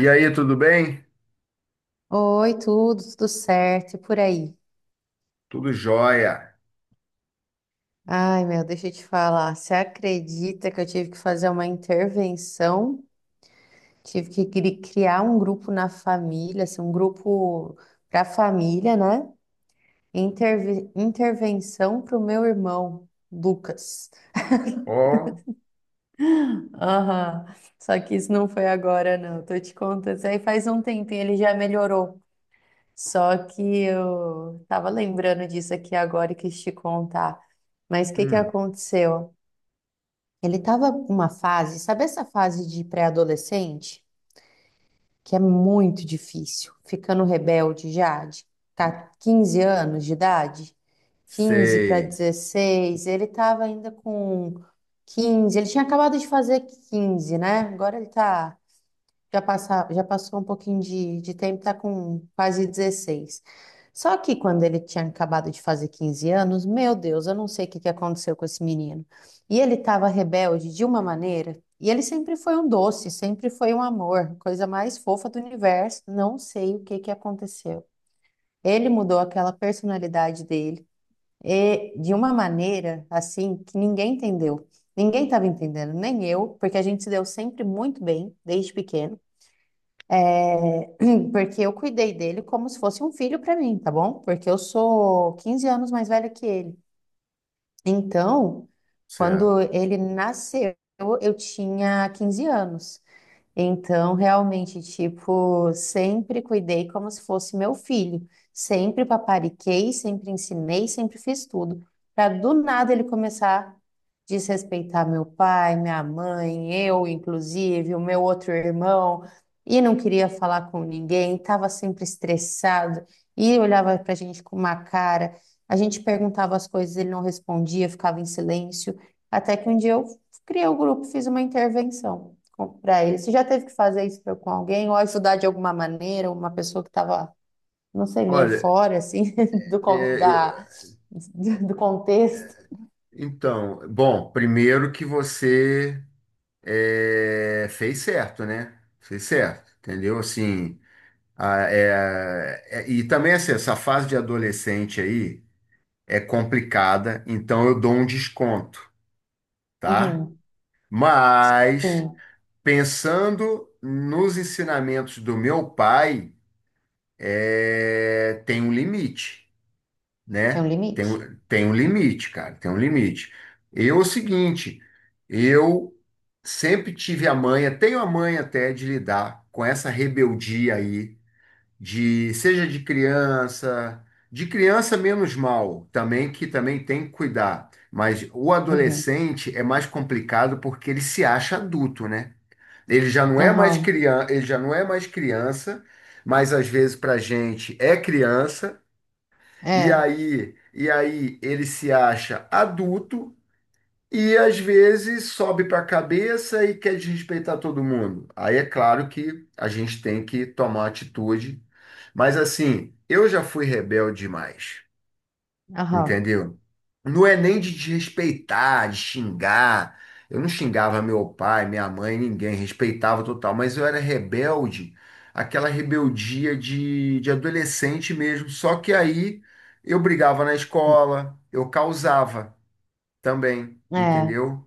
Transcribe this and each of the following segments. E aí, tudo bem? Oi, tudo, tudo certo, e por aí? Tudo jóia. Ai, meu, deixa eu te falar. Você acredita que eu tive que fazer uma intervenção? Tive que criar um grupo na família, assim, um grupo para família, né? Intervenção para o meu irmão, Lucas. Ó, Aham, só que isso não foi agora, não. Tô te contando. Isso aí faz um tempinho, ele já melhorou. Só que eu tava lembrando disso aqui agora e quis te contar. Mas o que que hum, aconteceu? Ele estava numa fase, sabe essa fase de pré-adolescente? Que é muito difícil, ficando rebelde já, de 15 anos de idade, 15 para sei, 16, ele estava ainda com 15, ele tinha acabado de fazer 15, né? Agora ele está já, já passou um pouquinho de tempo, tá com quase 16. Só que quando ele tinha acabado de fazer 15 anos, meu Deus, eu não sei o que que aconteceu com esse menino. E ele estava rebelde de uma maneira, e ele sempre foi um doce, sempre foi um amor, coisa mais fofa do universo. Não sei o que que aconteceu. Ele mudou aquela personalidade dele, e de uma maneira assim que ninguém entendeu. Ninguém estava entendendo, nem eu, porque a gente se deu sempre muito bem desde pequeno. Sim, porque eu cuidei dele como se fosse um filho para mim, tá bom? Porque eu sou 15 anos mais velha que ele. Então, quando certo. ele nasceu, eu tinha 15 anos. Então, realmente, tipo, sempre cuidei como se fosse meu filho. Sempre papariquei, sempre ensinei, sempre fiz tudo. Para do nada ele começar a desrespeitar meu pai, minha mãe, eu, inclusive, o meu outro irmão, e não queria falar com ninguém, estava sempre estressado e olhava para a gente com uma cara. A gente perguntava as coisas, ele não respondia, ficava em silêncio. Até que um dia eu criei o grupo, fiz uma intervenção comprar ele. Você já teve que fazer isso pra- com alguém ou ajudar de alguma maneira uma pessoa que estava, não sei, meio Olha, fora assim do con- eu, da do contexto? então, bom, primeiro que você fez certo, né? Fez certo, entendeu? Assim, e também assim, essa fase de adolescente aí é complicada, então eu dou um desconto, tá? Uhum, Mas sim, pensando nos ensinamentos do meu pai. É, tem um limite, tem um né? Tem, limite. um- tem um limite, cara, tem um limite. Eu, é o seguinte, eu sempre tive a manha, tenho a manha até de lidar com essa rebeldia aí, de seja de criança menos mal, também que também tem que cuidar. Mas o Uhum. adolescente é mais complicado porque ele se acha adulto, né? Ele já não é mais Aham. criança, ele já não é mais criança, mas às vezes para gente é criança, e É. aí, e aí ele se acha adulto e às vezes sobe para a cabeça e quer desrespeitar todo mundo. Aí é claro que a gente tem que tomar atitude, mas assim, eu já fui rebelde demais. Aham. Entendeu? Não é nem de desrespeitar, de xingar. Eu não xingava meu pai, minha mãe, ninguém, respeitava total, mas eu era rebelde, aquela rebeldia de adolescente mesmo. Só que aí eu brigava na escola, eu causava também, É. entendeu?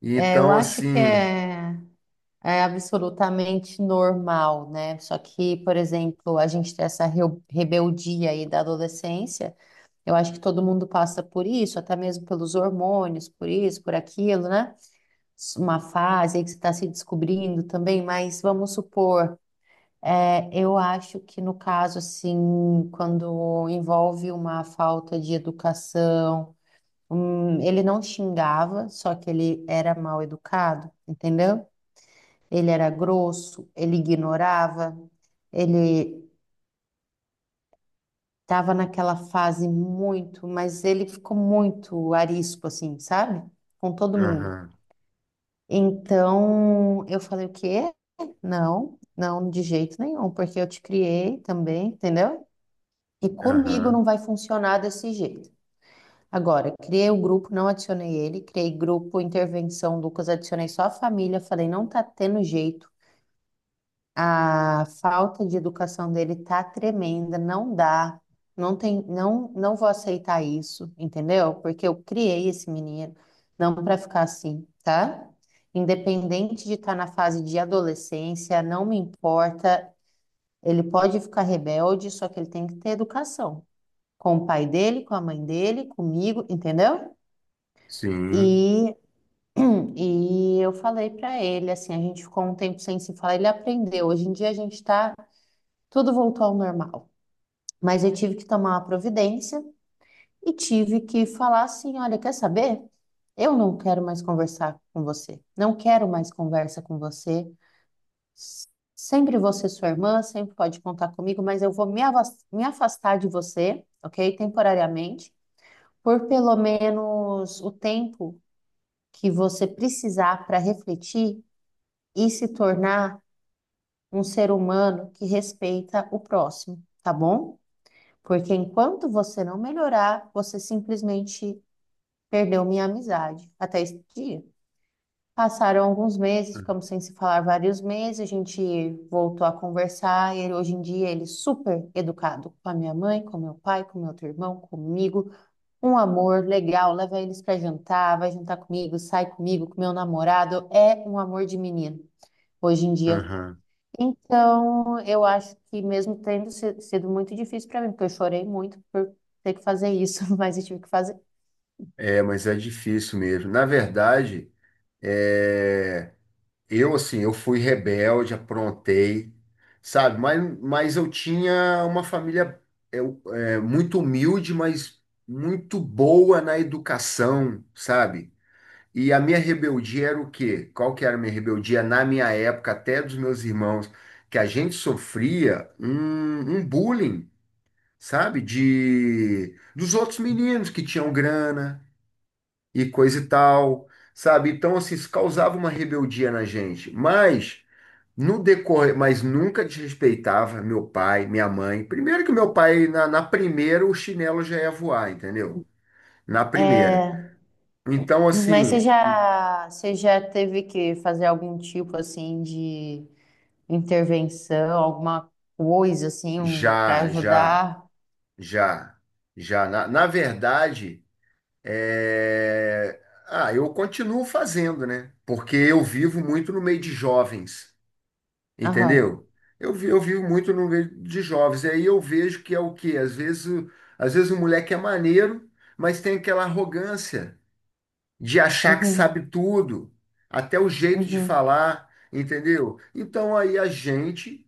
E É, eu então, acho que assim. é, é absolutamente normal, né? Só que, por exemplo, a gente tem essa rebeldia aí da adolescência. Eu acho que todo mundo passa por isso, até mesmo pelos hormônios, por isso, por aquilo, né? Uma fase aí que você está se descobrindo também, mas vamos supor, é, eu acho que no caso, assim, quando envolve uma falta de educação, ele não xingava, só que ele era mal educado, entendeu? Ele era grosso, ele ignorava, ele estava naquela fase muito, mas ele ficou muito arisco, assim, sabe? Com todo mundo. Aham, Então, eu falei o quê? Não, não de jeito nenhum, porque eu te criei também, entendeu? E comigo aham, não vai funcionar desse jeito. Agora, criei o grupo, não adicionei ele, criei grupo, intervenção, Lucas, adicionei só a família, falei, não tá tendo jeito. A falta de educação dele tá tremenda, não dá. Não tem, não, não vou aceitar isso, entendeu? Porque eu criei esse menino, não para ficar assim, tá? Independente de estar na fase de adolescência, não me importa. Ele pode ficar rebelde, só que ele tem que ter educação com o pai dele, com a mãe dele, comigo, entendeu? sim. E e eu falei pra ele, assim, a gente ficou um tempo sem se falar, ele aprendeu. Hoje em dia a gente tá, tudo voltou ao normal. Mas eu tive que tomar uma providência e tive que falar assim: olha, quer saber? Eu não quero mais conversar com você. Não quero mais conversa com você. Sempre você, sua irmã, sempre pode contar comigo, mas eu vou me afastar de você, ok? Temporariamente, por pelo menos o tempo que você precisar para refletir e se tornar um ser humano que respeita o próximo, tá bom? Porque enquanto você não melhorar, você simplesmente perdeu minha amizade até esse dia. Passaram alguns meses, ficamos sem se falar vários meses, a gente voltou a conversar. E ele, hoje em dia ele é super educado com a minha mãe, com meu pai, com meu outro irmão, comigo. Um amor legal, leva eles para jantar, vai jantar comigo, sai comigo, com meu namorado. É um amor de menino. Hoje em dia, Aham. então, eu acho que mesmo tendo sido muito difícil para mim, porque eu chorei muito por ter que fazer isso, mas eu tive que fazer. É, mas é difícil mesmo. Na verdade, é. Eu, assim, eu fui rebelde, aprontei, sabe? Mas eu tinha uma família eu, é, muito humilde, mas muito boa na educação, sabe? E a minha rebeldia era o quê? Qual que era a minha rebeldia na minha época, até dos meus irmãos, que a gente sofria um bullying, sabe? De, dos outros meninos que tinham grana e coisa e tal, sabe? Então, assim, isso causava uma rebeldia na gente, mas no decorrer, mas nunca desrespeitava meu pai, minha mãe. Primeiro que meu pai, na primeira, o chinelo já ia voar, entendeu? Na primeira. É, Então, mas assim, você já teve que fazer algum tipo assim de intervenção, alguma coisa assim um, para já, já, ajudar? já, já. Na verdade, é, ah, eu continuo fazendo, né? Porque eu vivo muito no meio de jovens, Aham. entendeu? Eu vivo muito no meio de jovens. E aí eu vejo que é o quê? Às vezes o moleque é maneiro, mas tem aquela arrogância, de achar que Uhum. sabe tudo, até o jeito de Uhum. falar, entendeu? Então aí a gente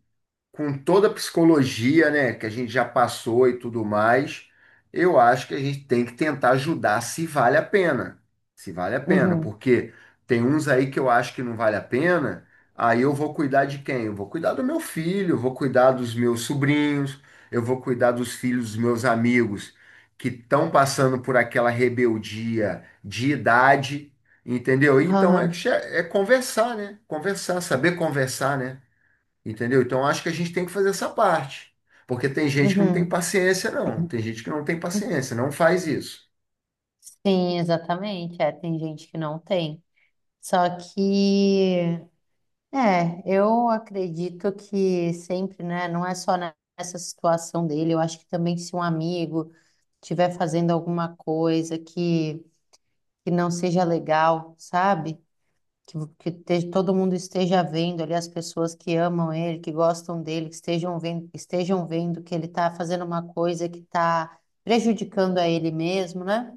com toda a psicologia, né, que a gente já passou e tudo mais, eu acho que a gente tem que tentar ajudar se vale a pena. Se vale a pena, Uhum. porque tem uns aí que eu acho que não vale a pena, aí eu vou cuidar de quem? Eu vou cuidar do meu filho, eu vou cuidar dos meus sobrinhos, eu vou cuidar dos filhos dos meus amigos que estão passando por aquela rebeldia de idade, entendeu? Então é, che- Aham. é conversar, né? Conversar, saber conversar, né? Entendeu? Então acho que a gente tem que fazer essa parte. Porque tem gente que não tem Uhum. paciência, não. Tem gente que não tem paciência, não faz isso. Sim, exatamente. É, tem gente que não tem. Só que, é, eu acredito que sempre, né? Não é só nessa situação dele. Eu acho que também se um amigo estiver fazendo alguma coisa que não seja legal, sabe? Que todo mundo esteja vendo ali as pessoas que amam ele, que gostam dele, que estejam vendo que ele está fazendo uma coisa que está prejudicando a ele mesmo, né?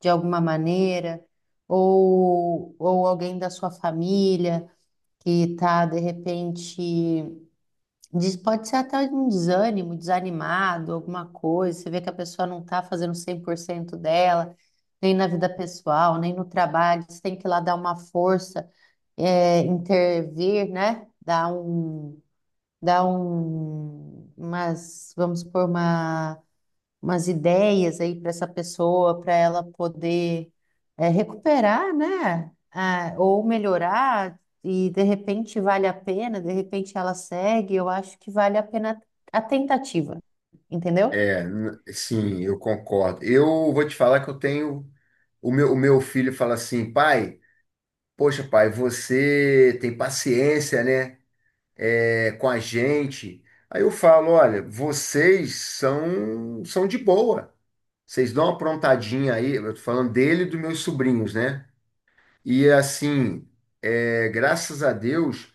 De alguma maneira, ou alguém da sua família que tá de repente, diz pode ser até um desânimo, desanimado, alguma coisa, você vê que a pessoa não tá fazendo 100% dela, nem na vida pessoal, nem no trabalho, você tem que ir lá dar uma força, é, intervir, né? Dar um, umas, vamos supor, uma umas ideias aí para essa pessoa, para ela poder, é, recuperar, né? Ah, ou melhorar, e de repente vale a pena, de repente ela segue, eu acho que vale a pena a tentativa, entendeu? Sim, eu concordo. Eu vou te falar que eu tenho. O meu filho fala assim, pai, poxa, pai, você tem paciência, né? É, com a gente. Aí eu falo, olha, vocês são, são de boa. Vocês dão uma aprontadinha aí, eu tô falando dele e dos meus sobrinhos, né? E assim, é, graças a Deus.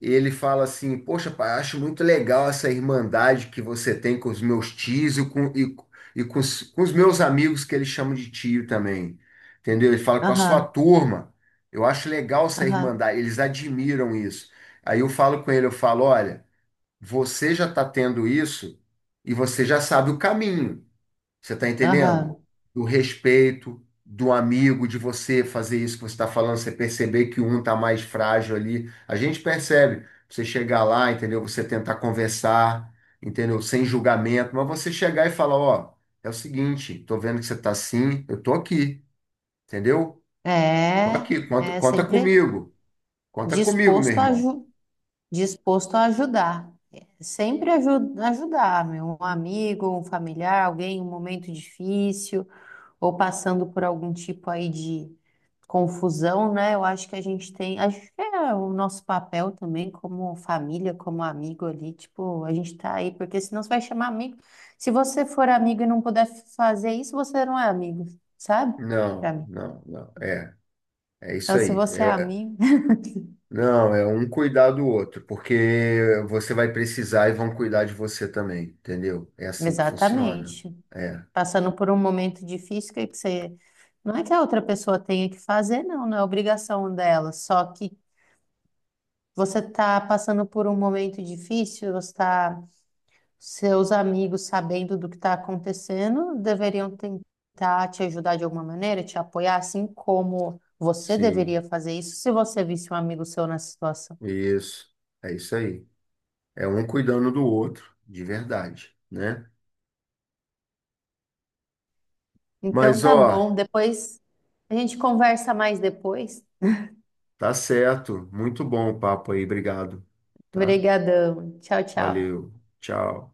Ele fala assim: poxa, pai, acho muito legal essa irmandade que você tem com os meus tios e com os meus amigos, que eles chamam de tio também. Entendeu? Ele fala com a sua Aham, turma. Eu acho legal essa aham, irmandade, eles admiram isso. Aí eu falo com ele: eu falo, olha, você já está tendo isso e você já sabe o caminho. Você está entendendo? aham. Do respeito, do amigo, de você fazer isso que você está falando, você perceber que um está mais frágil ali. A gente percebe. Você chegar lá, entendeu? Você tentar conversar, entendeu? Sem julgamento, mas você chegar e falar, ó, é o seguinte, tô vendo que você tá assim, eu tô aqui, entendeu? Tô É, aqui, conta, é conta sempre comigo, conta comigo, meu disposto a, irmão. aju disposto a ajudar. Sempre ajudar, meu, um amigo, um familiar, alguém em um momento difícil, ou passando por algum tipo aí de confusão, né? Eu acho que a gente tem, acho que é o nosso papel também como família, como amigo ali, tipo, a gente tá aí, porque senão você vai chamar amigo. Se você for amigo e não puder fazer isso, você não é amigo, sabe? Pra Não, mim. não, não. É, é isso Então, se aí. você é É, amigo, não, é um cuidar do outro, porque você vai precisar e vão cuidar de você também, entendeu? É assim que funciona. exatamente. É, Passando por um momento difícil, que você, não é que a outra pessoa tenha que fazer, não, não é obrigação dela, só que você está passando por um momento difícil, você está, seus amigos, sabendo do que está acontecendo, deveriam tentar te ajudar de alguma maneira, te apoiar, assim como você sim, deveria fazer isso se você visse um amigo seu nessa situação. isso. É isso aí. É um cuidando do outro, de verdade, né? Então Mas, tá ó, bom, depois a gente conversa mais depois. tá certo. Muito bom o papo aí, obrigado, tá? Obrigadão. Tchau, tchau. Valeu, tchau.